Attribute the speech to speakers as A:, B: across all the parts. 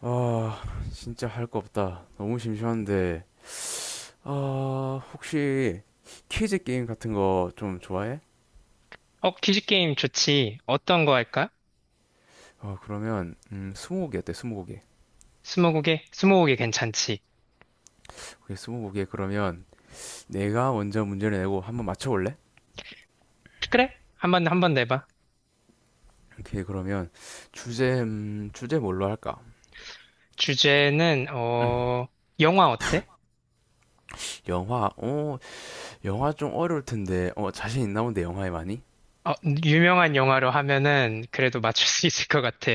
A: 아, 진짜 할 거 없다. 너무 심심한데. 아, 혹시 퀴즈 게임 같은 거 좀 좋아해?
B: 어, 퀴즈 게임 좋지. 어떤 거 할까?
A: 어, 그러면 스무고개 어때? 스무고개.
B: 스무고개? 스무고개 괜찮지.
A: 오케이, 스무고개 그러면 내가 먼저 문제를 내고 한번 맞춰볼래?
B: 그래? 한번, 한번 내봐.
A: 오케이, 그러면 주제 주제 뭘로 할까?
B: 주제는,
A: 음,
B: 영화 어때?
A: 영화. 어, 영화 좀 어려울 텐데. 어, 자신 있나 본데 영화에 많이?
B: 어, 유명한 영화로 하면은 그래도 맞출 수 있을 것 같아.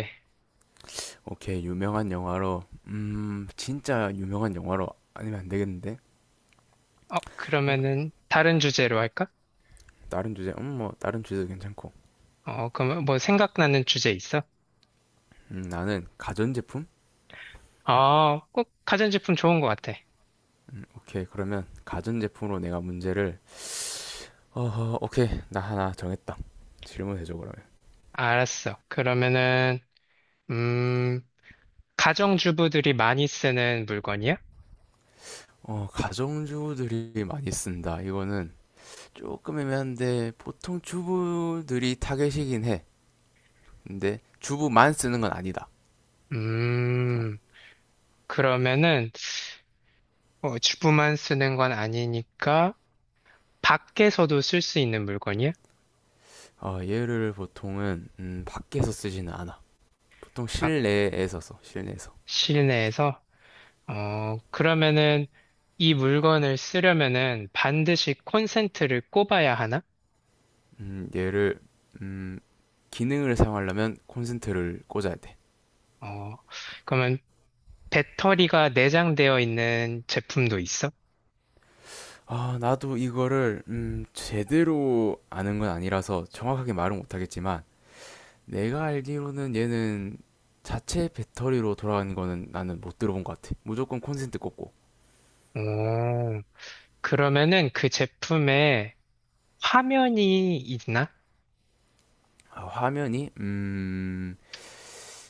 A: 오케이, 유명한 영화로. 진짜 유명한 영화로 아니면 안 되겠는데?
B: 어,
A: 어,
B: 그러면은 다른 주제로 할까?
A: 다른 주제. 뭐 다른 주제도 괜찮고.
B: 어, 그럼 뭐 생각나는 주제 있어?
A: 나는 가전제품?
B: 어, 꼭 가전제품 좋은 것 같아.
A: 오케이, 그러면 가전제품으로 내가 문제를, 어, 오케이, 나 하나 정했다. 질문해줘, 그러면.
B: 알았어. 그러면은, 음, 가정주부들이 많이 쓰는 물건이야?
A: 어, 가정주부들이 많이 쓴다. 이거는 조금 애매한데, 보통 주부들이 타겟이긴 해. 근데 주부만 쓰는 건 아니다.
B: 음, 그러면은, 주부만 쓰는 건 아니니까 밖에서도 쓸 수 있는 물건이야?
A: 어, 얘를 보통은, 밖에서 쓰지는 않아. 보통
B: 밖
A: 실내에서 써, 실내에서.
B: 실내에서? 어, 그러면은 이 물건을 쓰려면은 반드시 콘센트를 꼽아야 하나?
A: 음, 얘를, 음, 기능을 사용하려면 콘센트를 꽂아야 돼.
B: 어, 그러면 배터리가 내장되어 있는 제품도 있어?
A: 아, 나도 이거를 제대로 아는 건 아니라서 정확하게 말은 못하겠지만 내가 알기로는 얘는 자체 배터리로 돌아가는 거는 나는 못 들어본 것 같아. 무조건 콘센트 꽂고.
B: 오, 그러면은 그 제품에 화면이 있나?
A: 아, 화면이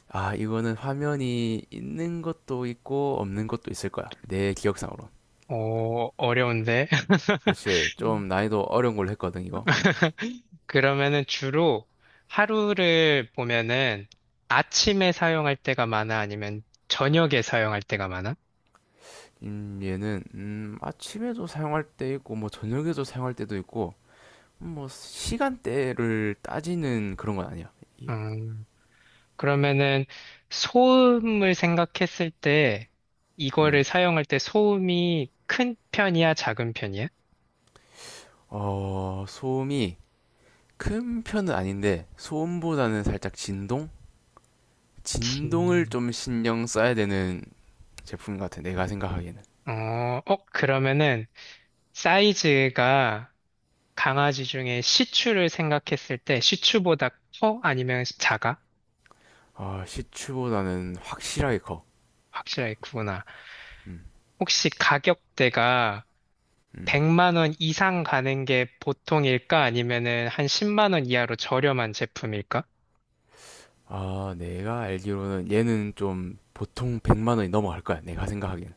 A: 아, 이거는 화면이 있는 것도 있고 없는 것도 있을 거야. 내 기억상으로.
B: 어, 어려운데.
A: 그렇지. 좀 난이도 어려운 걸로 했거든, 이거.
B: 그러면은 주로 하루를 보면은 아침에 사용할 때가 많아? 아니면 저녁에 사용할 때가 많아?
A: 얘는 아침에도 사용할 때 있고 뭐 저녁에도 사용할 때도 있고 뭐 시간대를 따지는 그런 건 아니야. 이게.
B: 음, 그러면은 소음을 생각했을 때 이거를
A: 음.
B: 사용할 때 소음이 큰 편이야? 작은 편이야?
A: 어, 소음이 큰 편은 아닌데 소음보다는 살짝 진동? 진동을
B: 음,
A: 좀 신경 써야 되는 제품 같아. 내가 생각하기에는.
B: 어, 그러면은 사이즈가 강아지 중에 시츄를 생각했을 때 시츄보다 커? 아니면 작아?
A: 아, 시추보다는 확실하게 커.
B: 확실하게 구나.
A: 음.
B: 혹시 가격대가
A: 음.
B: 100만 원 이상 가는 게 보통일까? 아니면은 한 10만 원 이하로 저렴한 제품일까?
A: 아, 내가 알기로는 얘는 좀 보통 100만 원이 넘어갈 거야. 내가 생각하기에는.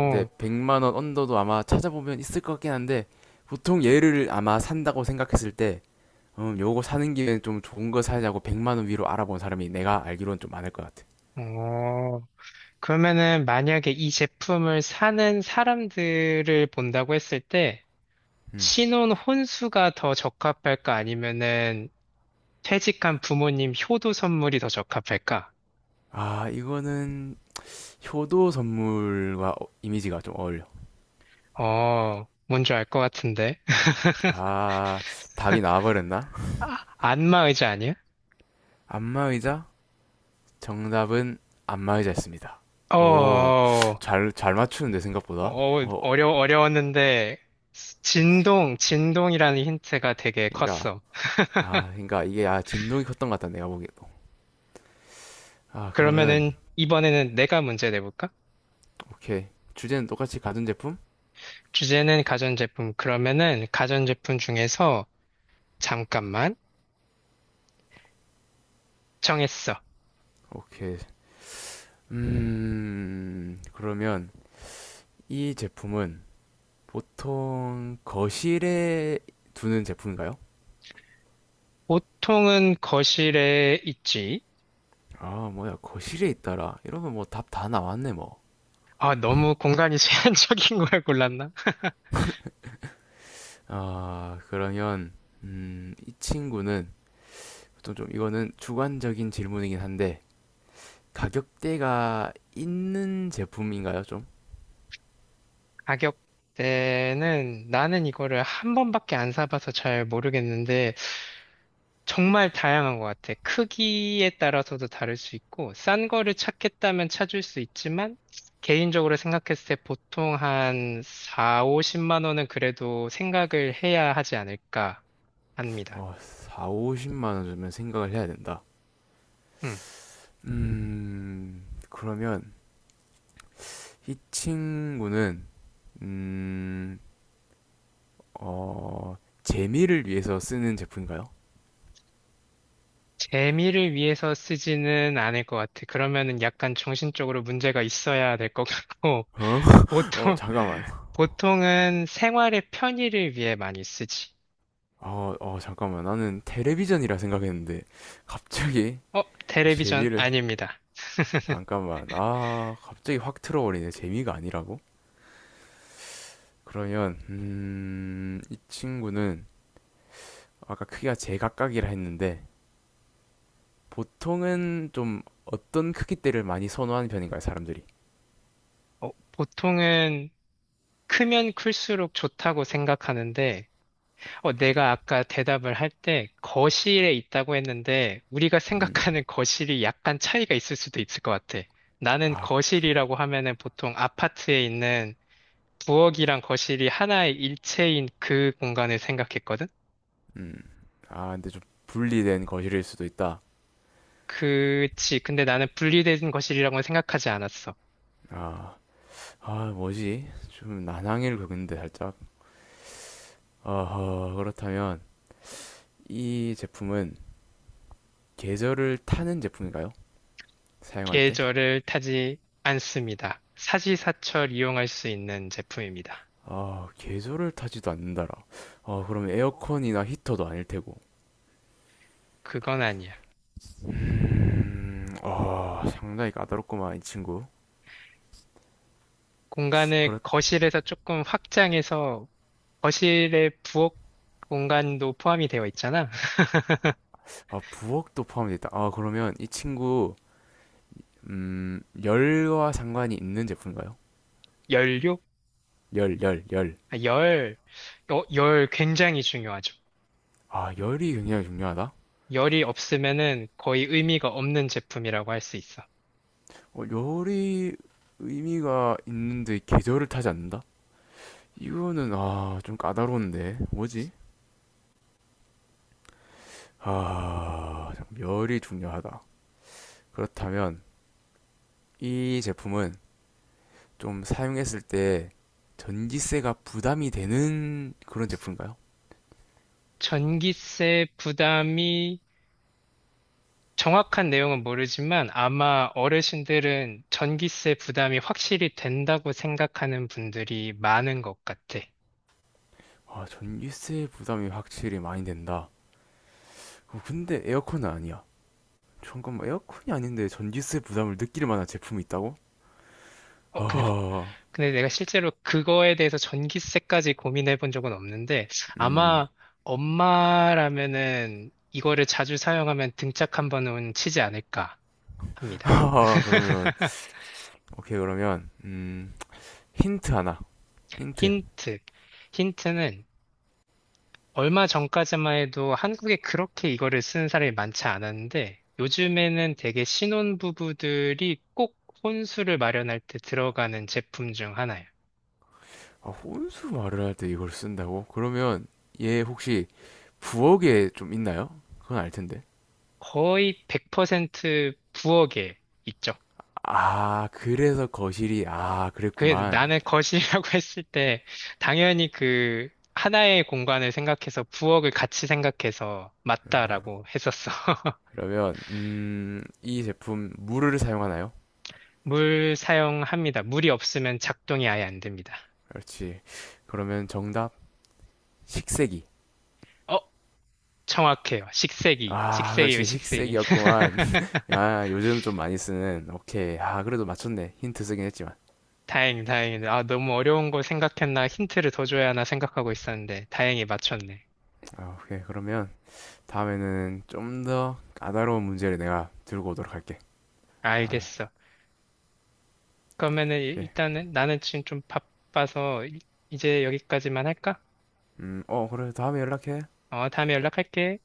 A: 근데 100만 원 언더도 아마 찾아보면 있을 것 같긴 한데 보통 얘를 아마 산다고 생각했을 때 요거 사는 김에 좀 좋은 거 사자고 100만 원 위로 알아본 사람이 내가 알기로는 좀 많을 것 같아.
B: 오. 그러면은 만약에 이 제품을 사는 사람들을 본다고 했을 때
A: 음.
B: 신혼 혼수가 더 적합할까? 아니면은 퇴직한 부모님 효도 선물이 더 적합할까?
A: 아, 이거는 효도 선물과 이미지가 좀 어울려.
B: 어, 뭔지 알 것 같은데.
A: 아, 답이 나와버렸나?
B: 아, 안마 의자 아니야?
A: 안마의자? 정답은 안마의자였습니다.
B: 어,
A: 오,
B: 어,
A: 잘 맞추는데, 생각보다. 어,
B: 어려웠는데, 진동이라는 힌트가 되게
A: 그니까,
B: 컸어.
A: 아, 그니까 이게, 아, 진동이 컸던 것 같다, 내가 보기에도. 아, 그러면,
B: 그러면은, 이번에는 내가 문제 내볼까?
A: 오케이. 주제는 똑같이 가전제품?
B: 주제는 가전제품. 그러면은, 가전제품 중에서, 잠깐만, 정했어.
A: 오케이. 그러면, 이 제품은 보통 거실에 두는 제품인가요?
B: 보통은 거실에 있지.
A: 아, 뭐야, 거실에 있더라. 이러면 뭐 답 다 나왔네, 뭐.
B: 아, 너무 공간이 제한적인 걸 골랐나?
A: 아, 그러면, 이 친구는, 보통 좀 이거는 주관적인 질문이긴 한데, 가격대가 있는 제품인가요, 좀?
B: 가격대는, 나는 이거를 한 번밖에 안 사봐서 잘 모르겠는데, 정말 다양한 것 같아. 크기에 따라서도 다를 수 있고, 싼 거를 찾겠다면 찾을 수 있지만, 개인적으로 생각했을 때 보통 한 4, 50만 원은 그래도 생각을 해야 하지 않을까 합니다.
A: 어, 4, 50만 원 주면 생각을 해야 된다.
B: 음.
A: 그러면, 이 친구는, 음, 어, 재미를 위해서 쓰는 제품인가요?
B: 재미를 위해서 쓰지는 않을 것 같아. 그러면은 약간 정신적으로 문제가 있어야 될 것 같고,
A: 어? 어
B: 보통,
A: 잠깐만
B: 보통은 생활의 편의를 위해 많이 쓰지.
A: 어, 어 잠깐만 나는 텔레비전이라 생각했는데 갑자기
B: 어, 텔레비전
A: 재미를
B: 아닙니다.
A: 잠깐만 아 갑자기 확 틀어버리네 재미가 아니라고 그러면 이 친구는 아까 크기가 제각각이라 했는데 보통은 좀 어떤 크기대를 많이 선호하는 편인가요 사람들이
B: 어, 보통은 크면 클수록 좋다고 생각하는데, 어, 내가 아까 대답을 할 때 거실에 있다고 했는데, 우리가 생각하는 거실이 약간 차이가 있을 수도 있을 것 같아. 나는
A: 음아음아
B: 거실이라고 하면은 보통 아파트에 있는 부엌이랑 거실이 하나의 일체인 그 공간을 생각했거든?
A: 근데 좀 분리된 거실일 수도 있다
B: 그치. 근데 나는 분리된 거실이라고는 생각하지 않았어.
A: 아 아, 뭐지 좀 난항일 근데 살짝 어허 그렇다면 이 제품은 계절을 타는 제품인가요? 사용할 때?
B: 계절을 타지 않습니다. 사시사철 이용할 수 있는 제품입니다.
A: 아, 계절을 타지도 않는다라. 아, 그러면 에어컨이나 히터도 아닐 테고.
B: 그건 아니야.
A: 아, 상당히 까다롭구만, 이 친구.
B: 공간을
A: 그렇,
B: 거실에서 조금 확장해서 거실의 부엌 공간도 포함이 되어 있잖아.
A: 아, 부엌도 포함되어 있다. 아, 그러면 이 친구, 열과 상관이 있는 제품인가요?
B: 열료?
A: 열, 열, 열.
B: 아, 열 굉장히 중요하죠.
A: 아, 열이 굉장히 중요하다?
B: 열이 없으면은 거의 의미가 없는 제품이라고 할 수 있어.
A: 어, 열이 의미가 있는데 계절을 타지 않는다? 이거는, 아, 좀 까다로운데. 뭐지? 아, 열이 중요하다. 그렇다면, 이 제품은 좀 사용했을 때 전기세가 부담이 되는 그런 제품인가요?
B: 전기세 부담이 정확한 내용은 모르지만 아마 어르신들은 전기세 부담이 확실히 된다고 생각하는 분들이 많은 것 같아.
A: 아, 전기세 부담이 확실히 많이 된다. 어, 근데 에어컨은 아니야. 잠깐만, 에어컨이 아닌데 전기세 부담을 느낄 만한 제품이 있다고?
B: 어,
A: 아,
B: 근데 내가 실제로 그거에 대해서 전기세까지 고민해 본 적은 없는데,
A: 음,
B: 아마 엄마라면은 이거를 자주 사용하면 등짝 한 번은 치지 않을까 합니다.
A: 아, 그러면, 오케이, 그러면, 힌트 하나, 힌트.
B: 힌트. 힌트는 얼마 전까지만 해도 한국에 그렇게 이거를 쓰는 사람이 많지 않았는데, 요즘에는 되게 신혼부부들이 꼭 혼수를 마련할 때 들어가는 제품 중 하나예요.
A: 아, 혼수 말을 할 때 이걸 쓴다고? 그러면 얘 혹시 부엌에 좀 있나요? 그건 알 텐데.
B: 거의 100% 부엌에 있죠.
A: 아, 그래서 거실이, 아,
B: 그
A: 그랬구만.
B: 나는 거실이라고 했을 때 당연히 그 하나의 공간을 생각해서 부엌을 같이 생각해서 맞다라고 했었어.
A: 그러면, 이 제품, 물을 사용하나요?
B: 물 사용합니다. 물이 없으면 작동이 아예 안 됩니다.
A: 그렇지. 그러면 정답, 식세기.
B: 어, 정확해요. 식세기.
A: 아,
B: 식세기요,
A: 그렇지.
B: 식세기.
A: 식세기였구만. 아, 요즘 좀 많이 쓰는, 오케이. 아, 그래도 맞췄네. 힌트 쓰긴 했지만.
B: 다행, 다행. 아, 너무 어려운 거 생각했나 힌트를 더 줘야 하나 생각하고 있었는데 다행히 맞췄네.
A: 아, 오케이. 그러면, 다음에는 좀 더 까다로운 문제를 내가 들고 오도록 할게. 아,
B: 알겠어. 그러면은
A: 오케이.
B: 일단은 나는 지금 좀 바빠서 이제 여기까지만 할까?
A: 어, 그래. 다음에 연락해.
B: 어, 다음에 연락할게.